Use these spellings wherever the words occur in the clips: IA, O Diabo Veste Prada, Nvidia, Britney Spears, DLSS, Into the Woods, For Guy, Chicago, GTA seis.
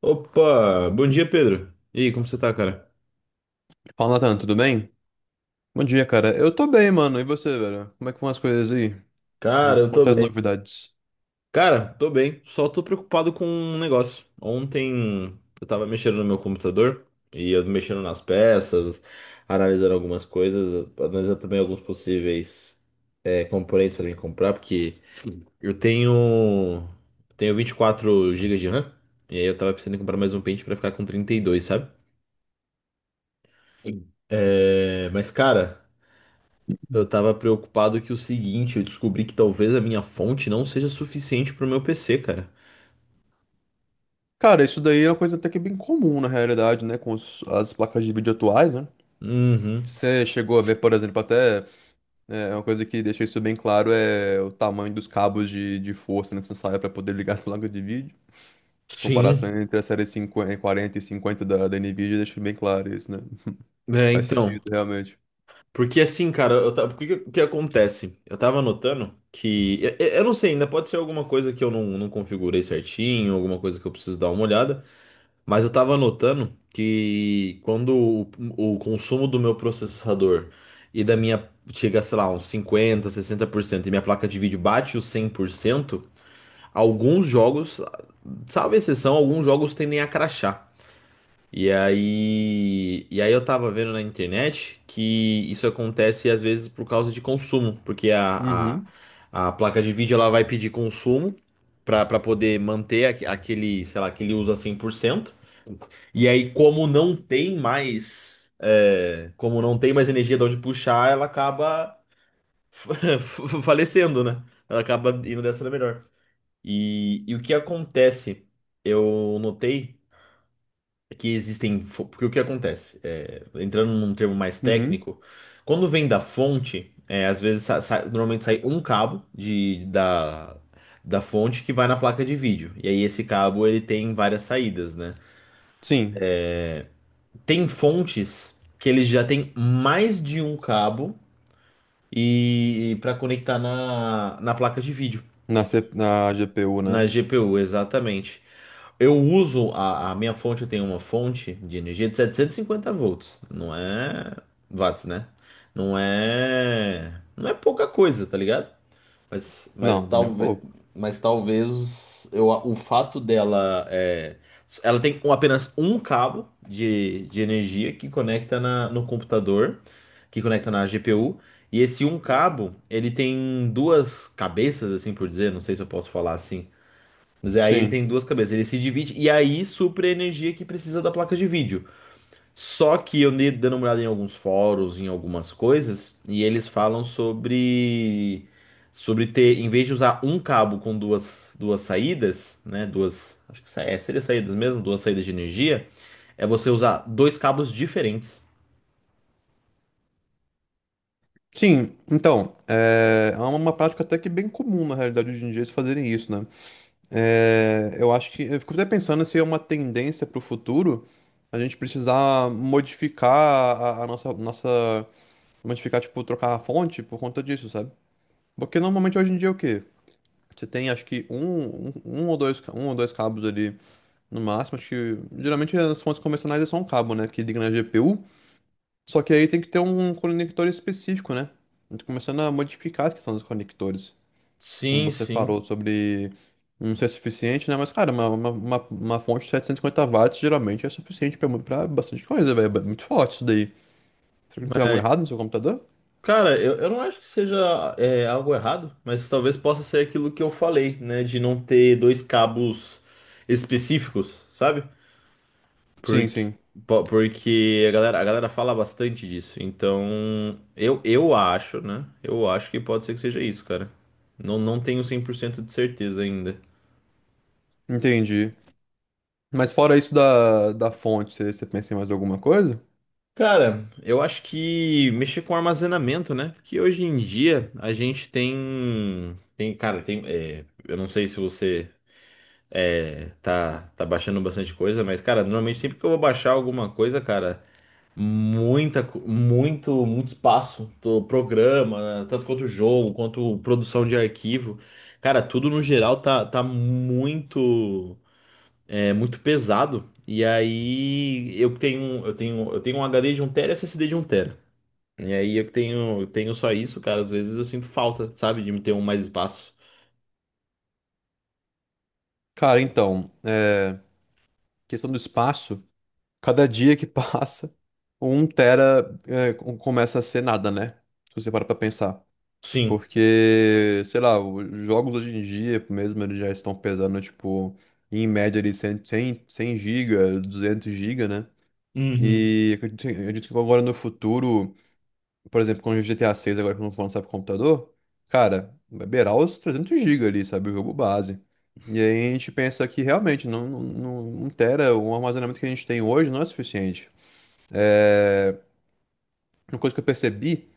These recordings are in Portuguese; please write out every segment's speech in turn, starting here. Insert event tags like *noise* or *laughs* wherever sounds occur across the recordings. Opa, bom dia, Pedro. E aí, como você tá, cara? Fala, Natan, tudo bem? Bom dia, cara. Eu tô bem, mano. E você, velho? Como é que vão as coisas aí? Cara, eu tô Quanto as bem. novidades? Cara, tô bem, só tô preocupado com um negócio. Ontem eu tava mexendo no meu computador e eu mexendo nas peças, analisando algumas coisas, analisando também alguns possíveis componentes pra mim comprar, porque eu tenho 24 gigas de RAM. E aí eu tava precisando comprar mais um pente pra ficar com 32, sabe? Mas, cara, eu tava preocupado que o seguinte: eu descobri que talvez a minha fonte não seja suficiente pro meu PC, cara. Cara, isso daí é uma coisa até que bem comum na realidade, né? Com as placas de vídeo atuais, né? Se Uhum. você chegou a ver, por exemplo, até uma coisa que deixa isso bem claro é o tamanho dos cabos de força necessária para poder *laughs* ligar as placas de vídeo. As comparações Sim. entre a série 50, 40 e 50 da Nvidia deixam bem claro isso, né? É, Faz então. sentido, realmente. Porque assim, cara, eu tava, que acontece? Eu tava notando que, eu, não sei, ainda pode ser alguma coisa que eu não, configurei certinho, alguma coisa que eu preciso dar uma olhada. Mas eu tava notando que quando o consumo do meu processador e da minha chega, sei lá, uns cinquenta, sessenta por cento, e minha placa de vídeo bate os cem por cento. Alguns jogos, salvo exceção, alguns jogos tendem a crachar. E aí eu tava vendo na internet que isso acontece às vezes por causa de consumo, porque Uhum, a placa de vídeo ela vai pedir consumo pra poder manter aquele, sei lá, aquele uso a 100%. E aí, como não tem mais, como não tem mais energia de onde puxar, ela acaba *laughs* falecendo, né? Ela acaba indo dessa da melhor. E o que acontece, eu notei que existem. Porque o que acontece? Entrando num termo mais uhum. técnico, quando vem da fonte, é, às vezes normalmente sai um cabo da, da fonte que vai na placa de vídeo. E aí esse cabo ele tem várias saídas, né? Sim, Tem fontes que eles já têm mais de um cabo e para conectar na, placa de vídeo, na GPU, né? na GPU, exatamente. Eu uso a minha fonte, eu tenho uma fonte de energia de 750 volts. Não é watts, né? Não é pouca coisa, tá ligado? Mas, mas Não, nem um talvez, pouco. mas talvez eu, o fato dela é, ela tem apenas um cabo de energia que conecta na, no computador, que conecta na GPU. E esse um Uhum. cabo, ele tem duas cabeças, assim por dizer, não sei se eu posso falar assim. Mas aí ele Sim. tem duas cabeças, ele se divide e aí supre a energia que precisa da placa de vídeo. Só que eu andei dando uma olhada em alguns fóruns, em algumas coisas, e eles falam sobre ter, em vez de usar um cabo com duas saídas, né, duas, acho que seria saídas mesmo, duas saídas de energia, é você usar dois cabos diferentes. Sim, então, é uma prática até que bem comum na realidade hoje em dia eles fazerem isso, né? É, eu fico até pensando se é uma tendência para o futuro a gente precisar modificar a nossa modificar, tipo, trocar a fonte por conta disso, sabe? Porque normalmente hoje em dia é o quê? Você tem, acho que, um ou dois, um ou dois cabos ali no máximo, acho que, geralmente as fontes convencionais é só um cabo, né, que liga na GPU. Só que aí tem que ter um conector específico, né? Eu tô começando a modificar a questão dos conectores. Como Sim, você sim. falou sobre não ser suficiente, né? Mas, cara, uma fonte de 750 watts geralmente é suficiente pra, pra bastante coisa, velho. É muito forte isso daí. Será que tem algo errado no seu computador? Cara, eu, não acho que seja algo errado, mas talvez possa ser aquilo que eu falei, né? De não ter dois cabos específicos, sabe? Sim, Porque, sim. Porque a galera fala bastante disso. Então, eu acho, né? Eu acho que pode ser que seja isso, cara. Não tenho 100% de certeza ainda. Entendi. Mas fora isso da fonte, você pensa em mais alguma coisa? Cara, eu acho que mexer com armazenamento, né? Porque hoje em dia a gente tem. Tem, cara, tem. Eu não sei se você. É, tá, baixando bastante coisa, mas, cara, normalmente sempre que eu vou baixar alguma coisa, cara, muita, muito espaço do programa, tanto quanto jogo, quanto produção de arquivo. Cara, tudo no geral tá, muito, muito pesado. E aí eu tenho um HD de um tera e SSD de um tera. E aí eu tenho só isso, cara, às vezes eu sinto falta, sabe, de me ter um mais espaço. Cara, então, é, questão do espaço. Cada dia que passa, um tera é, começa a ser nada, né? Se você para pra pensar. Sim. Porque, sei lá, os jogos hoje em dia mesmo, eles já estão pesando, tipo, em média ali 100, 100, 100 giga, 200 giga, né? Uhum. E acredito que agora no futuro, por exemplo, com o GTA seis agora que não for lançar pro computador, cara, vai beirar os 300 giga ali, sabe? O jogo base. E aí a gente pensa que realmente não, não, não, um tera, o armazenamento que a gente tem hoje não é suficiente. É, uma coisa que eu percebi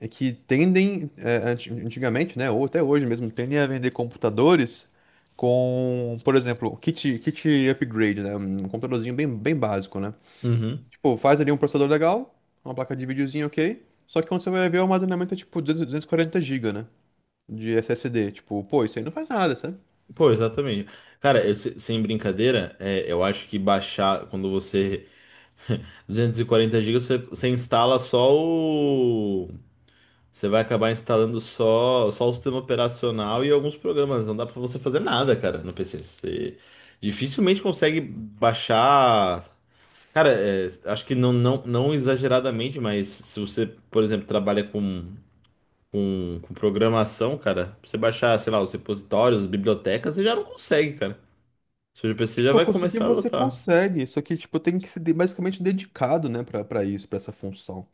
é que tendem, é, antigamente, né, ou até hoje mesmo, tendem a vender computadores com, por exemplo, kit upgrade, né, um computadorzinho bem básico, né? Uhum. Tipo, faz ali um processador legal, uma placa de videozinho ok, só que quando você vai ver o armazenamento é tipo 200 quarenta gigas, né, de SSD. Tipo, pô, isso aí não faz nada, sabe? Pô, exatamente. Cara, eu sem brincadeira, é, eu acho que baixar quando você *laughs* 240 gigas você, você instala só o. Você vai acabar instalando só, só o sistema operacional e alguns programas. Não dá pra você fazer nada, cara, no PC. Você dificilmente consegue baixar. Cara, é, acho que não, não exageradamente, mas se você, por exemplo, trabalha com programação, cara, pra você baixar, sei lá, os repositórios, as bibliotecas, você já não consegue, cara. Seu GPC já Tipo, vai conseguir começar a você adotar. consegue, só que tipo, tem que ser basicamente dedicado, né, pra, pra isso, pra essa função.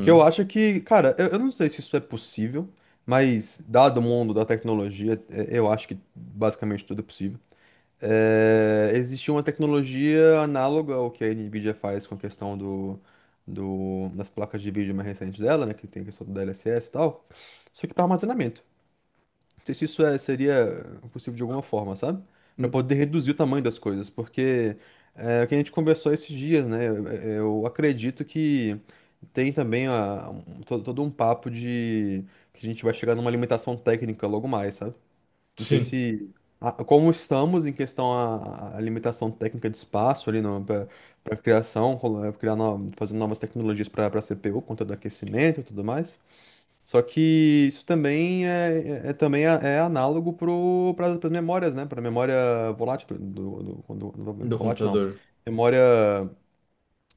Que eu acho que, cara, eu não sei se isso é possível, mas dado o mundo da tecnologia, é, eu acho que basicamente tudo é possível. É, existe uma tecnologia análoga ao que a Nvidia faz com a questão das placas de vídeo mais recentes dela, né? Que tem a questão do DLSS e tal. Só que para armazenamento. Não sei se isso é, seria possível de alguma forma, sabe? Para Hum. poder reduzir o tamanho das coisas, porque é, o que a gente conversou esses dias, né? Eu acredito que. Tem também todo um papo de que a gente vai chegar numa limitação técnica logo mais, sabe? Não sei Sim, se. Como estamos em questão à à limitação técnica de espaço ali para criação, criar fazendo novas tecnologias para CPU, conta do aquecimento e tudo mais. Só que isso também é, é também é análogo para as memórias, né? Para memória volátil, do volátil não. computador. Memória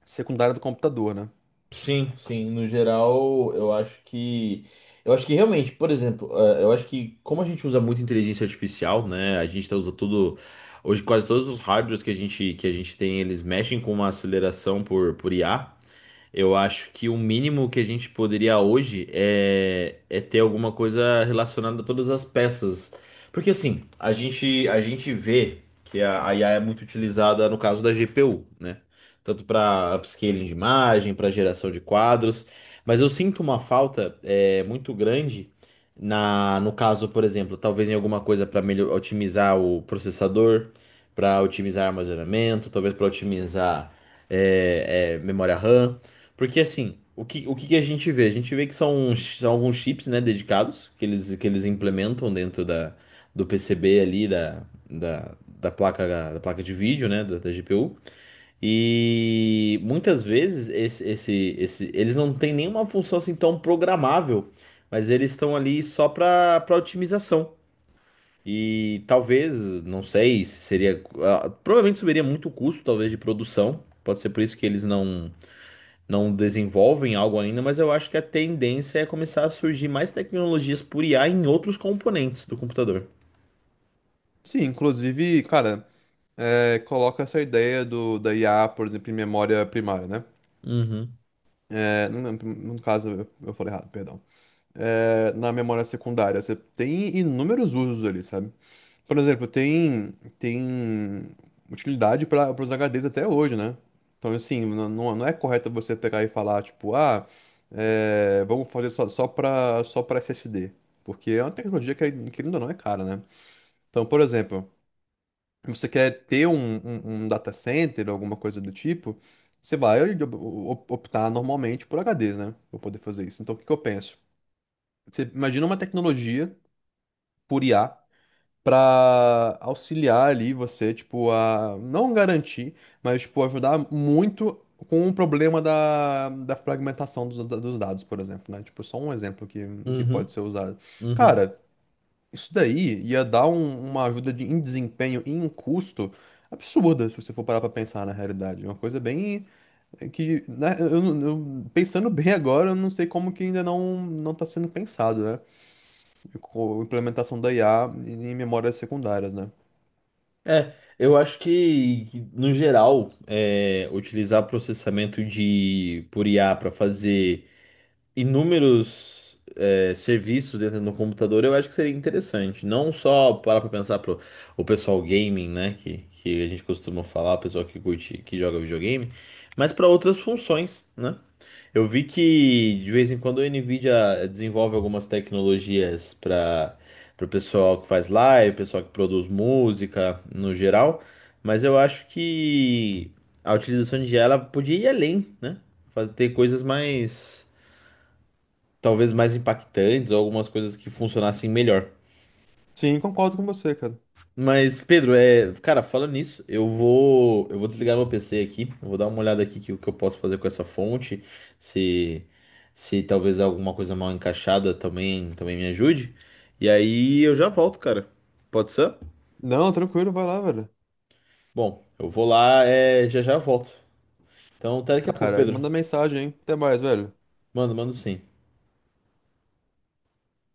secundária do computador, né? Sim, sim. No geral, eu acho que. Eu acho que realmente, por exemplo, eh, eu acho que como a gente usa muito inteligência artificial, né? A gente usa tudo. Hoje quase todos os hardwares que que a gente tem, eles mexem com uma aceleração por IA. Eu acho que o mínimo que a gente poderia hoje é, é ter alguma coisa relacionada a todas as peças. Porque assim, a gente vê que a IA é muito utilizada no caso da GPU, né? Tanto para upscaling de imagem, para geração de quadros. Mas eu sinto uma falta é, muito grande na, no caso, por exemplo, talvez em alguma coisa para otimizar o processador, para otimizar armazenamento, talvez para otimizar memória RAM. Porque assim, o que, o que a gente vê? A gente vê que são, uns são alguns chips, né, dedicados que eles implementam dentro da, do PCB ali, da, da placa de vídeo, né, da GPU. E muitas vezes esse, eles não têm nenhuma função assim tão programável, mas eles estão ali só para otimização. E talvez, não sei, se seria. Ah, provavelmente subiria muito o custo, talvez, de produção. Pode ser por isso que eles não desenvolvem algo ainda, mas eu acho que a tendência é começar a surgir mais tecnologias por IA em outros componentes do computador. Sim, inclusive, cara, é, coloca essa ideia da IA, por exemplo, em memória primária, né? Uhum, É, no caso, eu falei errado, perdão. É, na memória secundária, você tem inúmeros usos ali, sabe? Por exemplo, tem utilidade para os HDs até hoje, né? Então, assim, não, não não é correto você pegar e falar, tipo, ah, é, vamos fazer só para SSD. Porque é uma tecnologia que, é, querendo ou não, é cara, né? Então, por exemplo. Você quer ter um data center, alguma coisa do tipo, você vai optar normalmente por HDs, né? Para poder fazer isso. Então, o que que eu penso? Você imagina uma tecnologia por IA para auxiliar ali você, tipo, a não garantir, mas, tipo, ajudar muito com o problema da fragmentação dos dados, por exemplo, né? Tipo, só um exemplo que pode uhum, ser usado. uhum. Cara, isso daí ia dar uma ajuda de, em desempenho e em custo absurda, se você for parar pra pensar na realidade. Uma coisa bem é, que, né, eu, não- eu- pensando bem agora, eu não sei como que ainda não não está sendo pensado, né? Com a implementação da IA em memórias secundárias, né? É, eu acho que, no geral, é, utilizar processamento de por IA para fazer inúmeros é, serviços dentro do computador, eu acho que seria interessante. Não só para pra pensar pro o pessoal gaming, né? Que a gente costuma falar, o pessoal que curte, que joga videogame, mas para outras funções, né? Eu vi que de vez em quando a Nvidia desenvolve algumas tecnologias para o pessoal que faz live, pessoal que produz música no geral, mas eu acho que a utilização de IA ela podia ir além, né? Fazer ter coisas mais talvez mais impactantes ou algumas coisas que funcionassem melhor. Sim, concordo com você, cara. Mas, Pedro, é, cara, falando nisso, eu vou desligar meu PC aqui, eu vou dar uma olhada aqui que o que eu posso fazer com essa fonte, se talvez alguma coisa mal encaixada também me ajude. E aí eu já volto, cara. Pode ser? Não, tranquilo, vai lá, velho. Bom, eu vou lá, é, já já eu volto. Então, até daqui a Tá, pouco, cara, Pedro. manda mensagem, hein? Até mais, velho. Mano, mando sim.